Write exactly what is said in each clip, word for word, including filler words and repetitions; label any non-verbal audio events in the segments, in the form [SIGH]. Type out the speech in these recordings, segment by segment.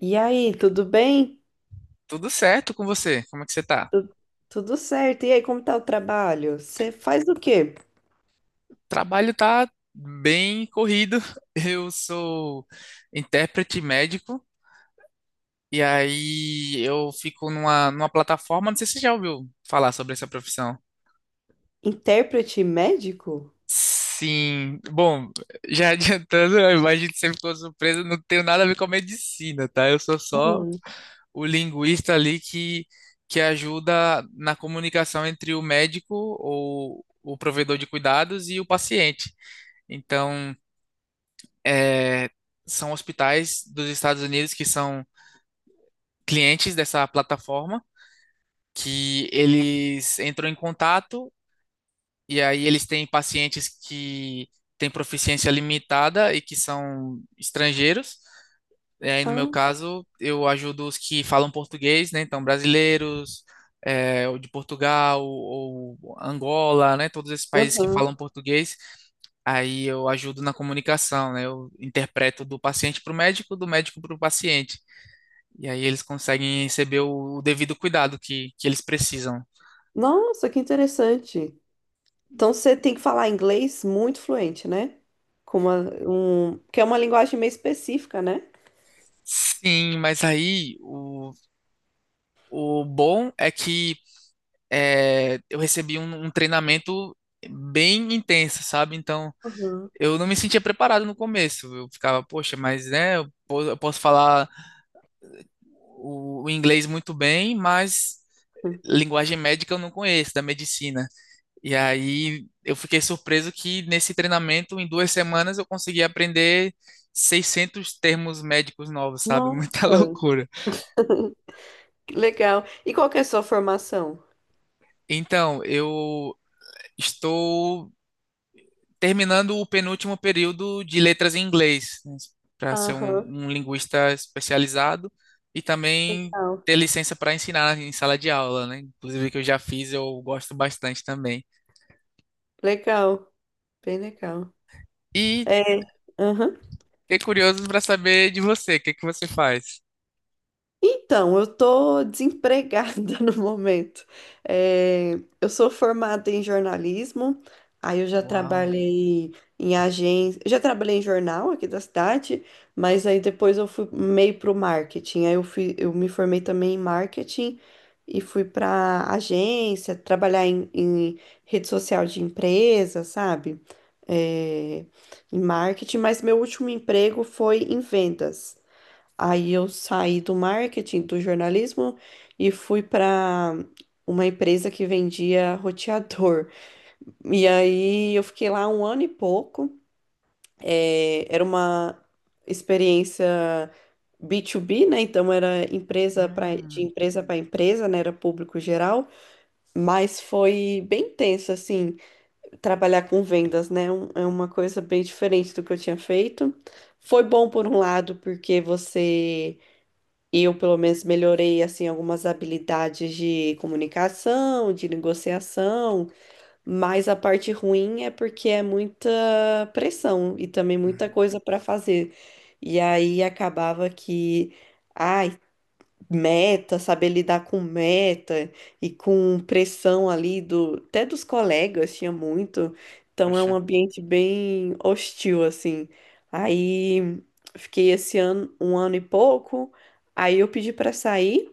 E aí, tudo bem? Tudo certo com você? Como é que você tá? Tu- Tudo certo. E aí, como tá o trabalho? Você faz o quê? Trabalho tá bem corrido. [LAUGHS] Eu sou intérprete médico e aí eu fico numa, numa plataforma, não sei se você já ouviu falar sobre essa profissão. Intérprete médico? Sim, bom, [LAUGHS] já adiantando, eu imagino que você ficou surpreso, não tenho nada a ver com a medicina, tá? Eu sou só Hum. o linguista ali que, que ajuda na comunicação entre o médico ou o provedor de cuidados e o paciente. Então, é, são hospitais dos Estados Unidos que são clientes dessa plataforma, que eles entram em contato e aí eles têm pacientes que têm proficiência limitada e que são estrangeiros. E aí, no meu Ah, caso, eu ajudo os que falam português, né? Então, brasileiros, é, ou de Portugal, ou Angola, né? Todos esses países que aham. falam português. Aí eu ajudo na comunicação, né? Eu interpreto do paciente para o médico, do médico para o paciente. E aí eles conseguem receber o, o devido cuidado que, que eles precisam. Nossa, que interessante. Então você tem que falar inglês muito fluente, né? Com uma, um, que é uma linguagem meio específica, né? Sim, mas aí o, o bom é que é, eu recebi um, um treinamento bem intenso, sabe? Então Aham. eu não me sentia preparado no começo. Eu ficava, poxa, mas né, eu, po- eu posso falar o, o inglês muito bem, mas linguagem médica eu não conheço, da medicina. E aí eu fiquei surpreso que nesse treinamento, em duas semanas, eu consegui aprender seiscentos termos médicos novos, sabe? [LAUGHS] Nossa, Muita loucura. [LAUGHS] que legal. E qual que é a sua formação? Então, eu estou terminando o penúltimo período de letras em inglês, para ser um, Aham, um linguista especializado e também legal. ter licença para ensinar em sala de aula, né? Inclusive, que eu já fiz, eu gosto bastante também. Legal, bem legal. E É, aham. fiquei curioso para saber de você, o que que você faz? Então, eu tô desempregada [LAUGHS] no momento. É, eu sou formada em jornalismo, aí eu já Uau. trabalhei em agência, já trabalhei em jornal aqui da cidade, mas aí depois eu fui meio pro marketing. Aí eu fui, eu me formei também em marketing e fui pra agência, trabalhar em, em rede social de empresa, sabe? É, em marketing, mas meu último emprego foi em vendas. Aí eu saí do marketing, do jornalismo e fui para uma empresa que vendia roteador. E aí eu fiquei lá um ano e pouco. É, era uma experiência B dois B, né? Então era empresa pra, de Hum. empresa para empresa, né? Era público geral, mas foi bem tenso assim, trabalhar com vendas, né? Um- É uma coisa bem diferente do que eu tinha feito. Foi bom por um lado, porque você eu, pelo menos, melhorei assim algumas habilidades de comunicação, de negociação, mas a parte ruim é porque é muita pressão e também muita Uhum. coisa para fazer. E aí acabava que, ah, meta, saber lidar com meta e com pressão ali do, até dos colegas tinha muito. Então é Poxa. um ambiente bem hostil assim. Aí fiquei esse ano, um ano e pouco, aí eu pedi para sair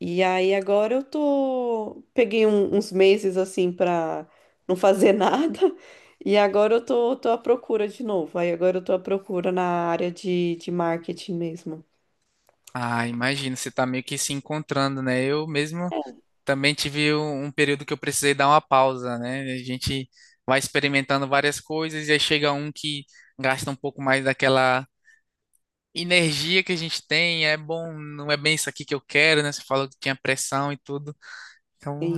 e aí agora eu tô peguei um- uns meses assim para não fazer [LAUGHS] nada. E agora eu tô, tô à procura de novo. Aí agora eu tô à procura na área de, de marketing mesmo. Ah, imagino, você tá meio que se encontrando, né? Eu mesmo também tive um um período que eu precisei dar uma pausa, né? A gente vai experimentando várias coisas e aí chega um que gasta um pouco mais daquela energia que a gente tem, é bom, não é bem isso aqui que eu quero, né? Você falou que tinha pressão e tudo. Então,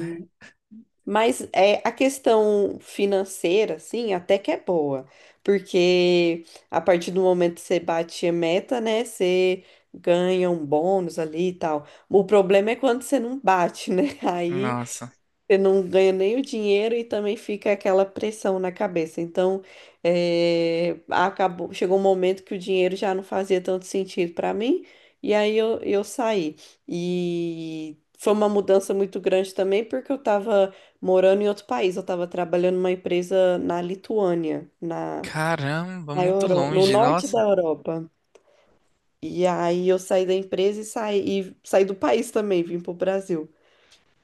Mas é, a questão financeira, assim, até que é boa, porque a partir do momento que você bate a meta, né, você ganha um bônus ali e tal. O problema é quando você não bate, né? [LAUGHS] Aí nossa, você não ganha nem o dinheiro e também fica aquela pressão na cabeça. Então, eh, acabou, chegou um momento que o dinheiro já não fazia tanto sentido para mim, e aí eu, eu saí. E foi uma mudança muito grande também, porque eu estava morando em outro país, eu estava trabalhando numa empresa na Lituânia, na, caramba, na muito Euro, no longe, norte da nossa. Europa. E aí eu saí da empresa e saí, e saí do país também, vim para o Brasil.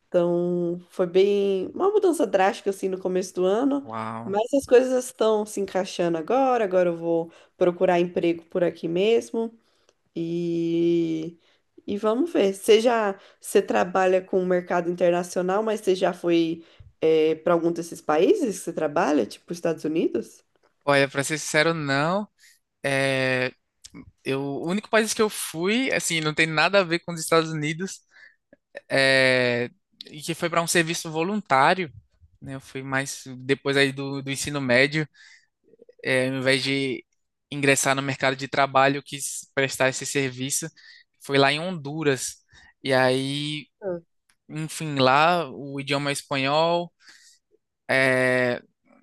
Então, foi bem uma mudança drástica assim no começo do ano, Uau. mas as coisas estão se encaixando agora. Agora eu vou procurar emprego por aqui mesmo e e vamos ver. Você já você trabalha com o mercado internacional, mas você já foi para algum desses países que você trabalha, tipo Estados Unidos? Olha, pra ser sincero, não. É, Eu, o único país que eu fui, assim, não tem nada a ver com os Estados Unidos, é, e que foi para um serviço voluntário, né? Eu fui mais depois aí do, do ensino médio, é, ao invés de ingressar no mercado de trabalho, eu quis prestar esse serviço. Foi lá em Honduras. E aí, enfim, lá o idioma é espanhol.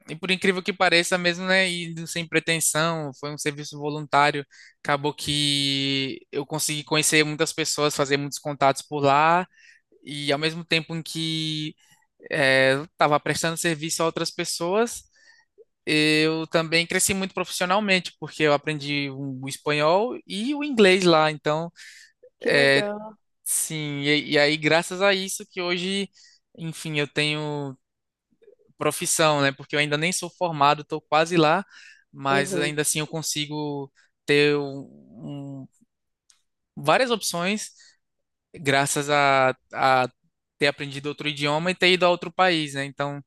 E por incrível que pareça mesmo, né, e sem pretensão, foi um serviço voluntário, acabou que eu consegui conhecer muitas pessoas, fazer muitos contatos por lá, e ao mesmo tempo em que eh, eu estava prestando serviço a outras pessoas, eu também cresci muito profissionalmente, porque eu aprendi o espanhol e o inglês lá, então, Que legal. sim, e, e aí graças a isso que hoje, enfim, eu tenho profissão, né? Porque eu ainda nem sou formado, estou quase lá, mas Uhum. ainda assim eu consigo ter um, um- várias opções graças a, a ter aprendido outro idioma e ter ido a outro país, né? Então,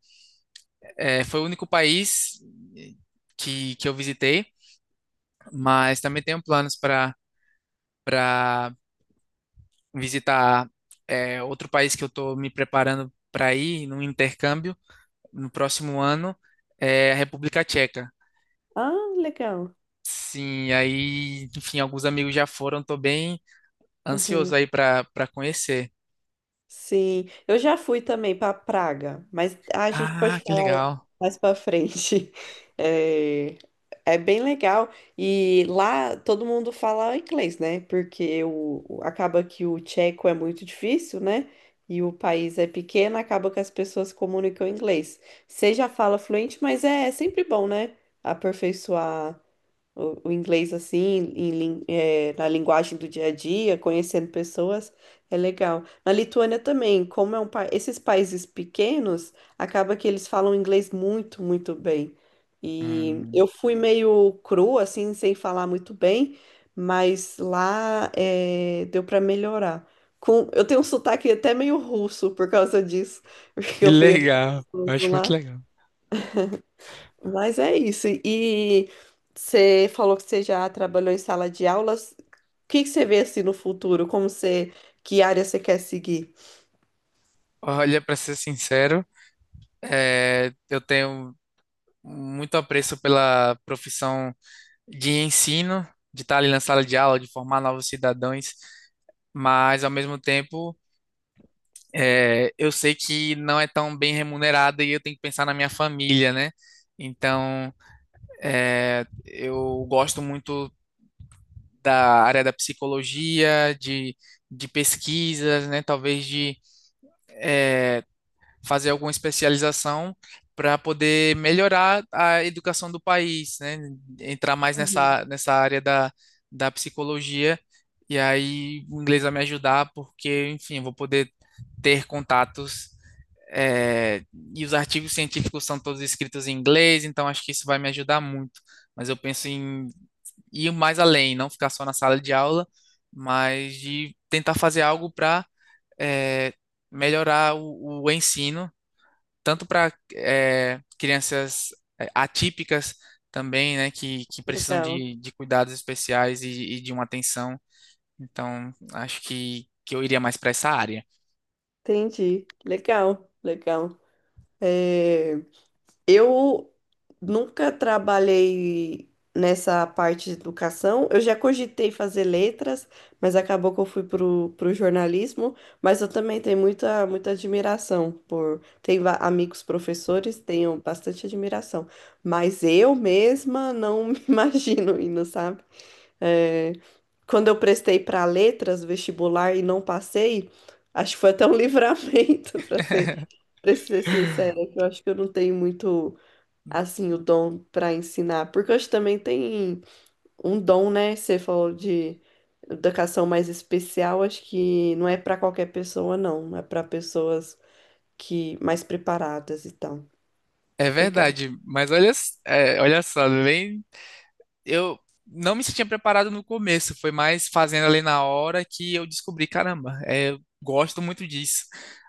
é, foi o único país eh, que, que eu visitei, mas também tenho planos para para visitar é, outro país que eu estou me preparando para ir num intercâmbio no próximo ano, é a República Tcheca. Ah, legal. Sim, aí, enfim, alguns amigos já foram, tô bem ansioso Uhum. aí pra, pra conhecer. Sim, eu já fui também para Praga, mas ah, a gente pode Ah, que falar legal. mais para frente. [LAUGHS] É, é bem legal. E lá todo mundo fala inglês, né? Porque o, o- acaba que o tcheco é muito difícil, né? E o país é pequeno, acaba que as pessoas comunicam inglês. Você já fala fluente, mas é é sempre bom, né? Aperfeiçoar o, o inglês assim, em lin- eh, na linguagem do dia a dia, conhecendo pessoas, é legal. Na Lituânia também, como é um país, esses países pequenos, acaba que eles falam inglês muito, muito bem. E Hum, eu fui meio cru, assim, sem falar muito bem, mas lá eh, deu para melhorar. Com, eu tenho um sotaque até meio russo por causa disso, [LAUGHS] porque que eu fui legal, eu acho muito legal. mas é isso. E você falou que você já trabalhou em sala de aulas. O que que você vê assim no futuro? Como você, que área você quer seguir? Olha, pra ser sincero, é, eu tenho muito apreço pela profissão de ensino, de estar ali na sala de aula, de formar novos cidadãos, mas ao mesmo tempo, é, eu sei que não é tão bem remunerada e eu tenho que pensar na minha família, né? Então. É, eu gosto muito da área da psicologia, de, de pesquisas, né? Talvez de fazer alguma especialização para poder melhorar a educação do país, né? Entrar mais Uhum, nessa, nessa área da, da psicologia e aí o inglês vai me ajudar porque, enfim, eu vou poder ter contatos. É, e os artigos científicos são todos escritos em inglês, então acho que isso vai me ajudar muito. Mas eu penso em ir mais além, não ficar só na sala de aula, mas de tentar fazer algo para melhorar o, o ensino, tanto para crianças é, atípicas também, né, que, que precisam legal. de, de cuidados especiais e, e de uma atenção. Então, acho que, que eu iria mais para essa área. Entendi. Legal, legal. É, eu nunca trabalhei nessa parte de educação. Eu já cogitei fazer letras, mas acabou que eu fui pro, pro jornalismo. Mas eu também tenho muita, muita admiração por. Tenho va- amigos professores, tenho bastante admiração. Mas eu mesma não [LAUGHS] me imagino indo, sabe? É, quando eu prestei para letras, vestibular e não passei, acho que foi até um [LAUGHS] livramento, para ser, [LAUGHS] para ser sincera, que eu acho que eu não tenho muito assim, o dom para ensinar? Porque hoje também tem um dom, né? Você falou de educação mais especial, acho que não é para qualquer pessoa, não. É para pessoas que mais preparadas e tal. É Legal. verdade, mas olha, s- é, olha só, nem eu não me sentia preparado no começo, foi mais fazendo ali na hora que eu descobri, caramba, é, eu gosto muito disso.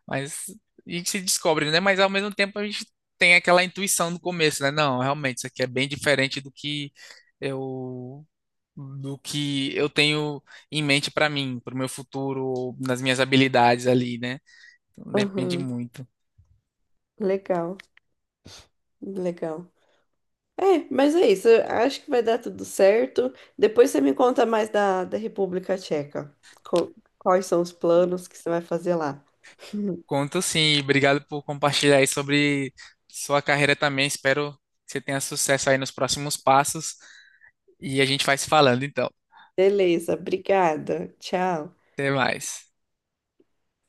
Mas a gente se descobre, né? Mas ao mesmo tempo a gente tem aquela intuição no começo, né? Não, realmente, isso aqui é bem diferente do que eu do que eu tenho em mente para mim, para o meu futuro, nas minhas habilidades ali, né? Então, depende Aham, muito. legal, legal. É, mas é isso. Eu acho que vai dar tudo certo. Depois você me conta mais da, da República Tcheca. Co- Quais são os planos que você vai fazer lá? Conto sim, e obrigado por compartilhar aí sobre sua carreira também. Espero que você tenha sucesso aí nos próximos passos e a gente vai se falando então. Beleza, obrigada. Tchau. Até mais.